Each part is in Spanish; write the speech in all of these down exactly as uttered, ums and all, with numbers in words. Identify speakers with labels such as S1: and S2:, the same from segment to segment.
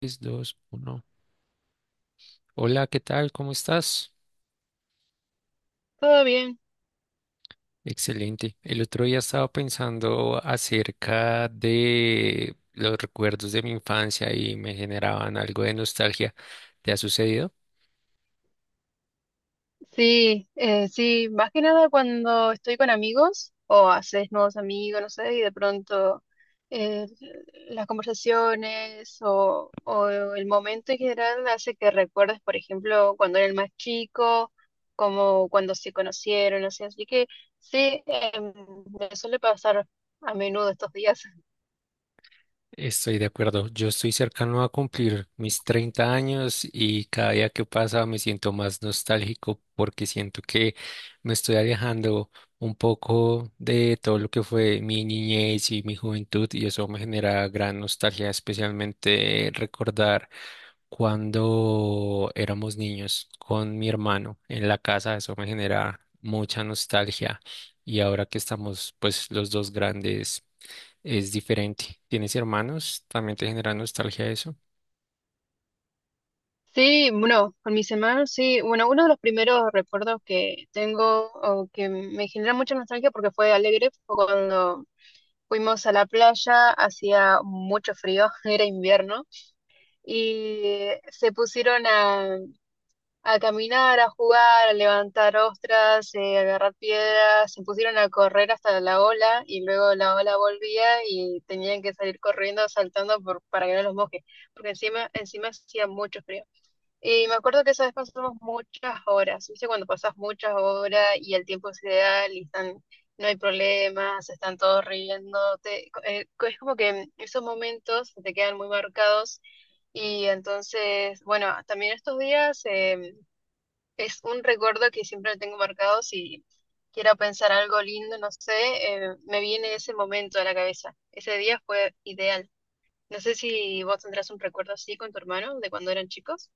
S1: tres, dos, uno. Hola, ¿qué tal? ¿Cómo estás?
S2: Todo bien,
S1: Excelente. El otro día estaba pensando acerca de los recuerdos de mi infancia y me generaban algo de nostalgia. ¿Te ha sucedido?
S2: sí, eh, sí, más que nada cuando estoy con amigos o haces nuevos amigos, no sé, y de pronto eh, las conversaciones o, o el momento en general hace que recuerdes, por ejemplo, cuando eres más chico, como cuando se conocieron, así, así que sí, em, me suele pasar a menudo estos días.
S1: Estoy de acuerdo. Yo estoy cercano a cumplir mis treinta años y cada día que pasa me siento más nostálgico porque siento que me estoy alejando un poco de todo lo que fue mi niñez y mi juventud y eso me genera gran nostalgia, especialmente recordar cuando éramos niños con mi hermano en la casa. Eso me genera mucha nostalgia y ahora que estamos pues los dos grandes es diferente. ¿Tienes hermanos? ¿También te genera nostalgia eso?
S2: Sí, bueno, con mis hermanos, sí. Bueno, uno de los primeros recuerdos que tengo o que me genera mucha nostalgia porque fue alegre fue cuando fuimos a la playa, hacía mucho frío, era invierno, y se pusieron a, a caminar, a jugar, a levantar ostras, eh, a agarrar piedras, se pusieron a correr hasta la ola y luego la ola volvía y tenían que salir corriendo, saltando por, para que no los moje, porque encima, encima hacía mucho frío. Y me acuerdo que esa vez pasamos muchas horas, ¿viste? Cuando pasas muchas horas y el tiempo es ideal y están, no hay problemas, están todos riéndote. Co- eh, co- es como que esos momentos se te quedan muy marcados y entonces, bueno, también estos días eh, es un recuerdo que siempre tengo marcado si quiero pensar algo lindo, no sé, eh, me viene ese momento a la cabeza. Ese día fue ideal. No sé si vos tendrás un recuerdo así con tu hermano de cuando eran chicos.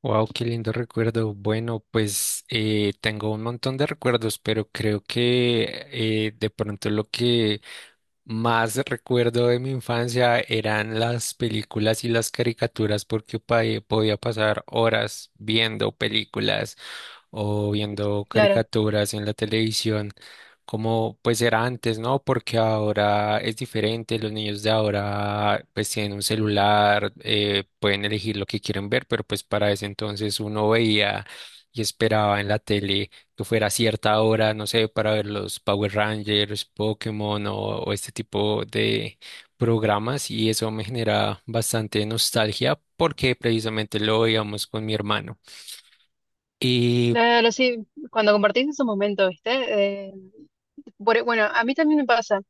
S1: Wow, qué lindo recuerdo. Bueno, pues eh, tengo un montón de recuerdos, pero creo que eh, de pronto lo que más recuerdo de mi infancia eran las películas y las caricaturas porque pa- podía pasar horas viendo películas o viendo
S2: Claro.
S1: caricaturas en la televisión, como pues era antes, ¿no? Porque ahora es diferente, los niños de ahora pues tienen un celular, eh, pueden elegir lo que quieren ver, pero pues para ese entonces uno veía y esperaba en la tele que fuera a cierta hora, no sé, para ver los Power Rangers, Pokémon o, o este tipo de programas y eso me genera bastante nostalgia porque precisamente lo veíamos con mi hermano. Y
S2: Claro, sí, cuando compartís esos momentos, ¿viste? Eh, por- e, bueno, a mí también me pasa.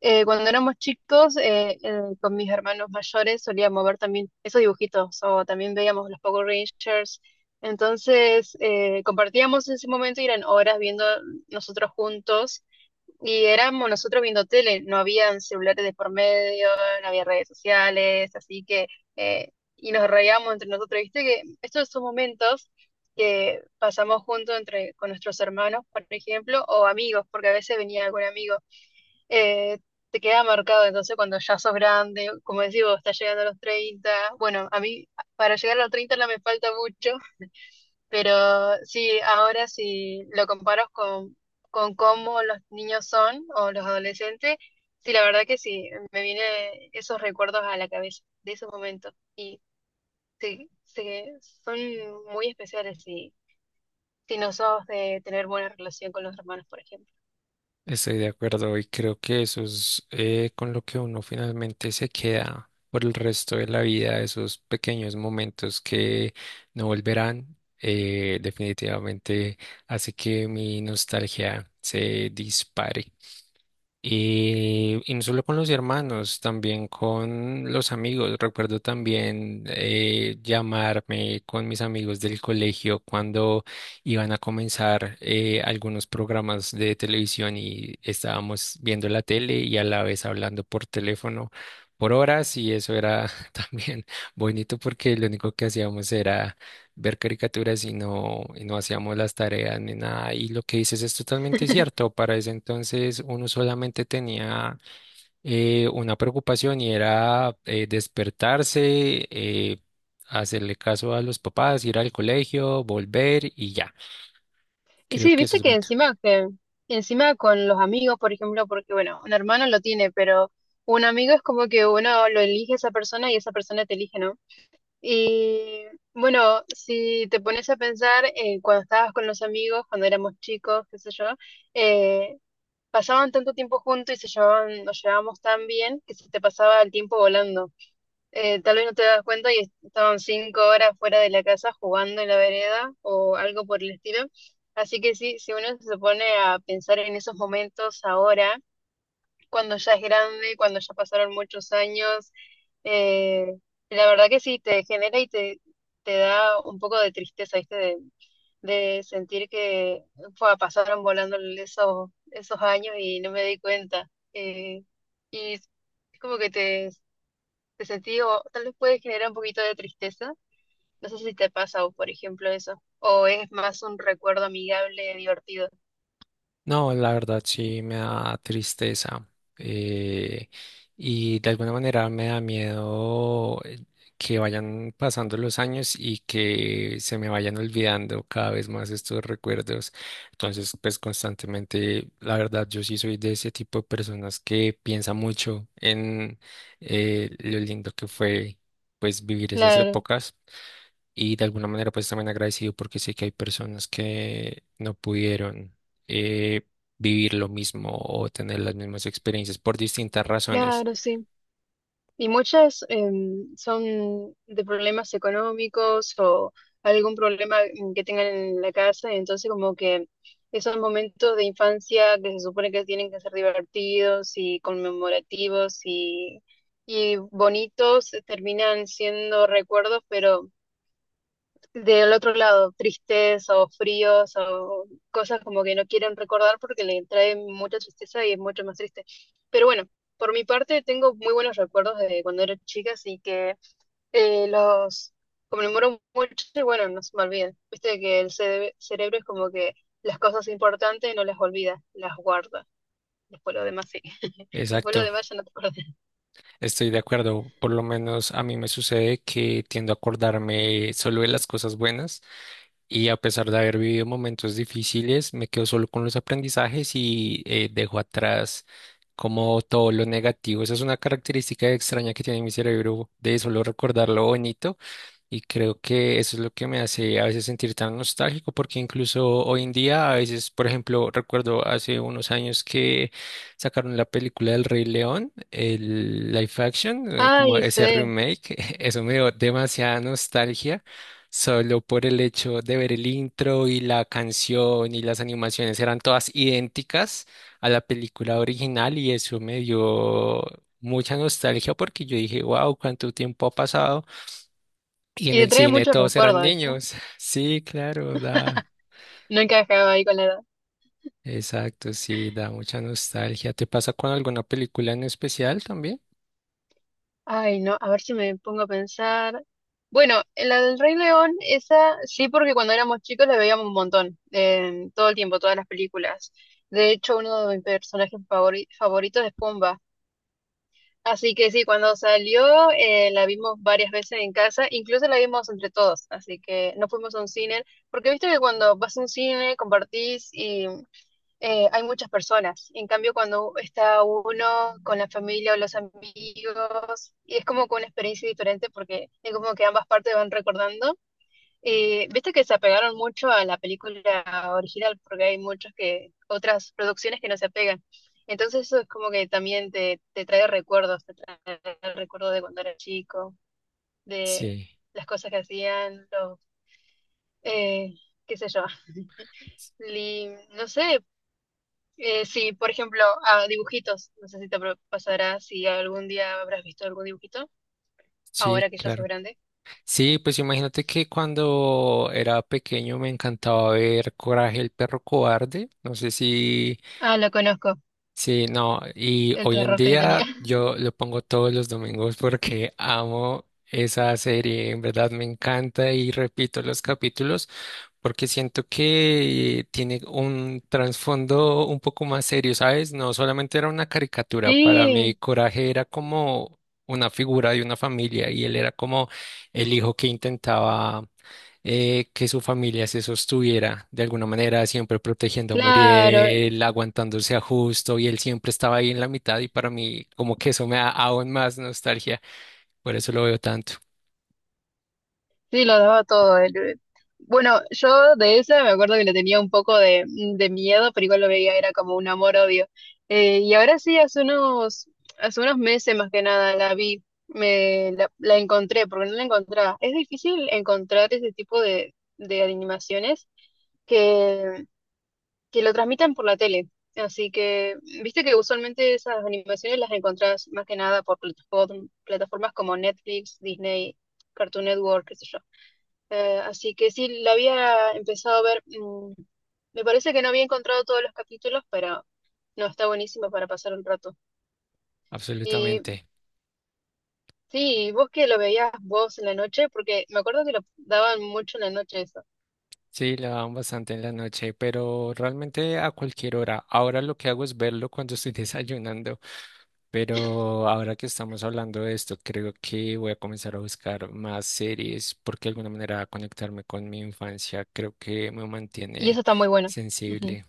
S2: Eh, cuando éramos chicos, eh, eh, con mis hermanos mayores solíamos ver también esos dibujitos o también veíamos los Power Rangers. Entonces, eh, compartíamos ese momento y eran horas viendo nosotros juntos y éramos nosotros viendo tele, no habían celulares de por medio, no había redes sociales, así que, eh, y nos reíamos entre nosotros, viste que estos son momentos que pasamos juntos entre, con nuestros hermanos, por ejemplo, o amigos, porque a veces venía algún amigo, eh, te queda marcado, entonces cuando ya sos grande, como decís vos, estás llegando a los treinta. Bueno, a mí para llegar a los treinta no me falta mucho, pero sí, ahora si lo comparas con, con cómo los niños son o los adolescentes, sí, la verdad que sí, me vienen esos recuerdos a la cabeza de esos momentos. Y sí, sí, son muy especiales si, si no sos de tener buena relación con los hermanos, por ejemplo.
S1: estoy de acuerdo y creo que eso es eh, con lo que uno finalmente se queda por el resto de la vida, esos pequeños momentos que no volverán, eh, definitivamente hace que mi nostalgia se dispare. Y, y no solo con los hermanos, también con los amigos. Recuerdo también eh, llamarme con mis amigos del colegio cuando iban a comenzar eh, algunos programas de televisión y estábamos viendo la tele y a la vez hablando por teléfono por horas y eso era también bonito porque lo único que hacíamos era ver caricaturas y no, y no hacíamos las tareas ni nada. Y lo que dices es totalmente cierto. Para ese entonces uno solamente tenía eh, una preocupación y era eh, despertarse, eh, hacerle caso a los papás, ir al colegio, volver y ya.
S2: Y
S1: Creo
S2: sí,
S1: que eso
S2: viste
S1: es
S2: que
S1: bueno.
S2: encima, que encima con los amigos, por ejemplo, porque bueno, un hermano lo tiene, pero un amigo es como que uno lo elige a esa persona y esa persona te elige, ¿no? Y bueno, si te pones a pensar, eh, cuando estabas con los amigos, cuando éramos chicos, qué sé yo, eh, pasaban tanto tiempo juntos y se llevaban, nos llevábamos tan bien que se te pasaba el tiempo volando. Eh, tal vez no te das cuenta y estaban cinco horas fuera de la casa jugando en la vereda o algo por el estilo. Así que sí, si uno se pone a pensar en esos momentos ahora, cuando ya es grande, cuando ya pasaron muchos años. eh, la verdad que sí, te genera y te, te da un poco de tristeza, ¿viste? De, de sentir que fue, pasaron volando esos, esos años y no me di cuenta. Eh, y es como que te, te sentí, o tal vez puede generar un poquito de tristeza. No sé si te pasa, o por ejemplo, eso. O es más un recuerdo amigable, divertido.
S1: No, la verdad sí me da tristeza, eh, y de alguna manera me da miedo, eh, que vayan pasando los años y que se me vayan olvidando cada vez más estos recuerdos. Entonces, pues constantemente, la verdad, yo sí soy de ese tipo de personas que piensa mucho en eh, lo lindo que fue, pues, vivir esas
S2: Claro,
S1: épocas. Y de alguna manera pues también agradecido porque sé que hay personas que no pudieron, eh, vivir lo mismo o tener las mismas experiencias por distintas razones.
S2: claro, sí. Y muchas em, son de problemas económicos o algún problema mm, que tengan en la casa, y entonces como que esos momentos de infancia que se supone que tienen que ser divertidos y conmemorativos y, y bonitos terminan siendo recuerdos, pero del otro lado, tristes o fríos o cosas como que no quieren recordar porque le trae mucha tristeza y es mucho más triste. Pero bueno, por mi parte tengo muy buenos recuerdos de cuando era chica, así que eh, los conmemoro mucho y bueno, no se me olviden. Viste que el cere- cerebro es como que las cosas importantes no las olvida, las guarda. Después lo demás sí. Después lo
S1: Exacto,
S2: demás ya no te acuerdas.
S1: estoy de acuerdo. Por lo menos a mí me sucede que tiendo a acordarme solo de las cosas buenas. Y a pesar de haber vivido momentos difíciles, me quedo solo con los aprendizajes y, eh, dejo atrás como todo lo negativo. Esa es una característica extraña que tiene mi cerebro de solo recordar lo bonito. Y creo que eso es lo que me hace a veces sentir tan nostálgico, porque incluso hoy en día, a veces, por ejemplo, recuerdo hace unos años que sacaron la película del Rey León, el live action, eh, como
S2: Ay,
S1: ese
S2: sí.
S1: remake, eso me dio demasiada nostalgia. Solo por el hecho de ver el intro y la canción y las animaciones eran todas idénticas a la película original y eso me dio mucha nostalgia porque yo dije, wow, cuánto tiempo ha pasado y en
S2: Y te
S1: el
S2: trae
S1: cine
S2: muchos
S1: todos eran
S2: recuerdos, ¿viste?
S1: niños. Sí, claro, da,
S2: No encajaba ahí con la edad.
S1: exacto, sí, da mucha nostalgia. ¿Te pasa con alguna película en especial también?
S2: Ay, no, a ver si me pongo a pensar. Bueno, en la del Rey León, esa sí, porque cuando éramos chicos la veíamos un montón, em, todo el tiempo, todas las películas. De hecho, uno de mis personajes favori- favoritos es Pumba. Así que sí, cuando salió, eh, la vimos varias veces en casa, incluso la vimos entre todos, así que no fuimos a un cine, porque viste que cuando vas a un cine, compartís eh, hay muchas personas. En cambio, cuando está uno con la familia o los amigos, y es como que una experiencia diferente porque es como que ambas partes van recordando. Eh, viste que se apegaron mucho a la película original porque hay muchas que, otras producciones que no se apegan. Entonces eso es como que también te, te trae recuerdos, te trae el recuerdo de cuando era chico, de
S1: Sí,
S2: las cosas que hacían, los, eh, qué sé yo. Y, no sé, Eh, sí, por ejemplo, a dibujitos. No sé si te pro- pasará si algún día habrás visto algún dibujito,
S1: sí,
S2: ahora que ya sos
S1: claro.
S2: grande.
S1: Sí, pues imagínate que cuando era pequeño me encantaba ver Coraje el perro cobarde. No sé si.
S2: Ah, lo conozco,
S1: Sí, no, y
S2: el
S1: hoy en
S2: terror que le tenía.
S1: día yo lo pongo todos los domingos porque amo esa serie, en verdad me encanta y repito los capítulos porque siento que tiene un trasfondo un poco más serio, ¿sabes? No solamente era una caricatura, para mí
S2: Sí,
S1: Coraje era como una figura de una familia y él era como el hijo que intentaba, eh, que su familia se sostuviera de alguna manera, siempre protegiendo a
S2: claro,
S1: Muriel, aguantándose a Justo, y él siempre estaba ahí en la mitad, y para mí como que eso me da aún más nostalgia, por eso lo veo tanto,
S2: sí, lo daba todo. Él, eh. Bueno, yo de esa me acuerdo que le tenía un poco de, de miedo, pero igual lo veía, era como un amor-odio. Eh, y ahora sí, hace unos, hace unos meses más que nada la vi, me, la, la encontré, porque no la encontraba. Es difícil encontrar ese tipo de, de animaciones que, que lo transmitan por la tele. Así que, viste que usualmente esas animaciones las encontrás más que nada por plataform- plataformas como Netflix, Disney, Cartoon Network, qué sé yo. Eh, así que sí, la había empezado a ver. mm, me parece que no había encontrado todos los capítulos, pero no, está buenísimo para pasar un rato. Y
S1: absolutamente.
S2: sí, vos que lo veías vos en la noche, porque me acuerdo que lo daban mucho en la noche eso.
S1: Sí, lo daban bastante en la noche, pero realmente a cualquier hora. Ahora lo que hago es verlo cuando estoy desayunando. Pero ahora que estamos hablando de esto, creo que voy a comenzar a buscar más series porque de alguna manera conectarme con mi infancia creo que me
S2: Y eso
S1: mantiene
S2: está muy bueno. Ujú.
S1: sensible.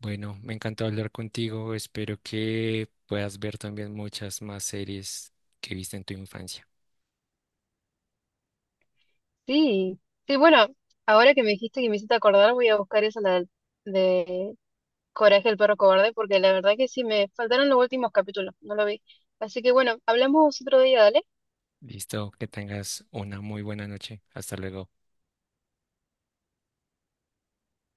S1: Bueno, me encantó hablar contigo. Espero que puedas ver también muchas más series que viste en tu infancia.
S2: Sí, sí, bueno, ahora que me dijiste que me hiciste acordar, voy a buscar esa la de Coraje el perro cobarde, porque la verdad que sí, me faltaron los últimos capítulos, no lo vi. Así que bueno, hablamos otro día, dale.
S1: Listo, que tengas una muy buena noche. Hasta luego.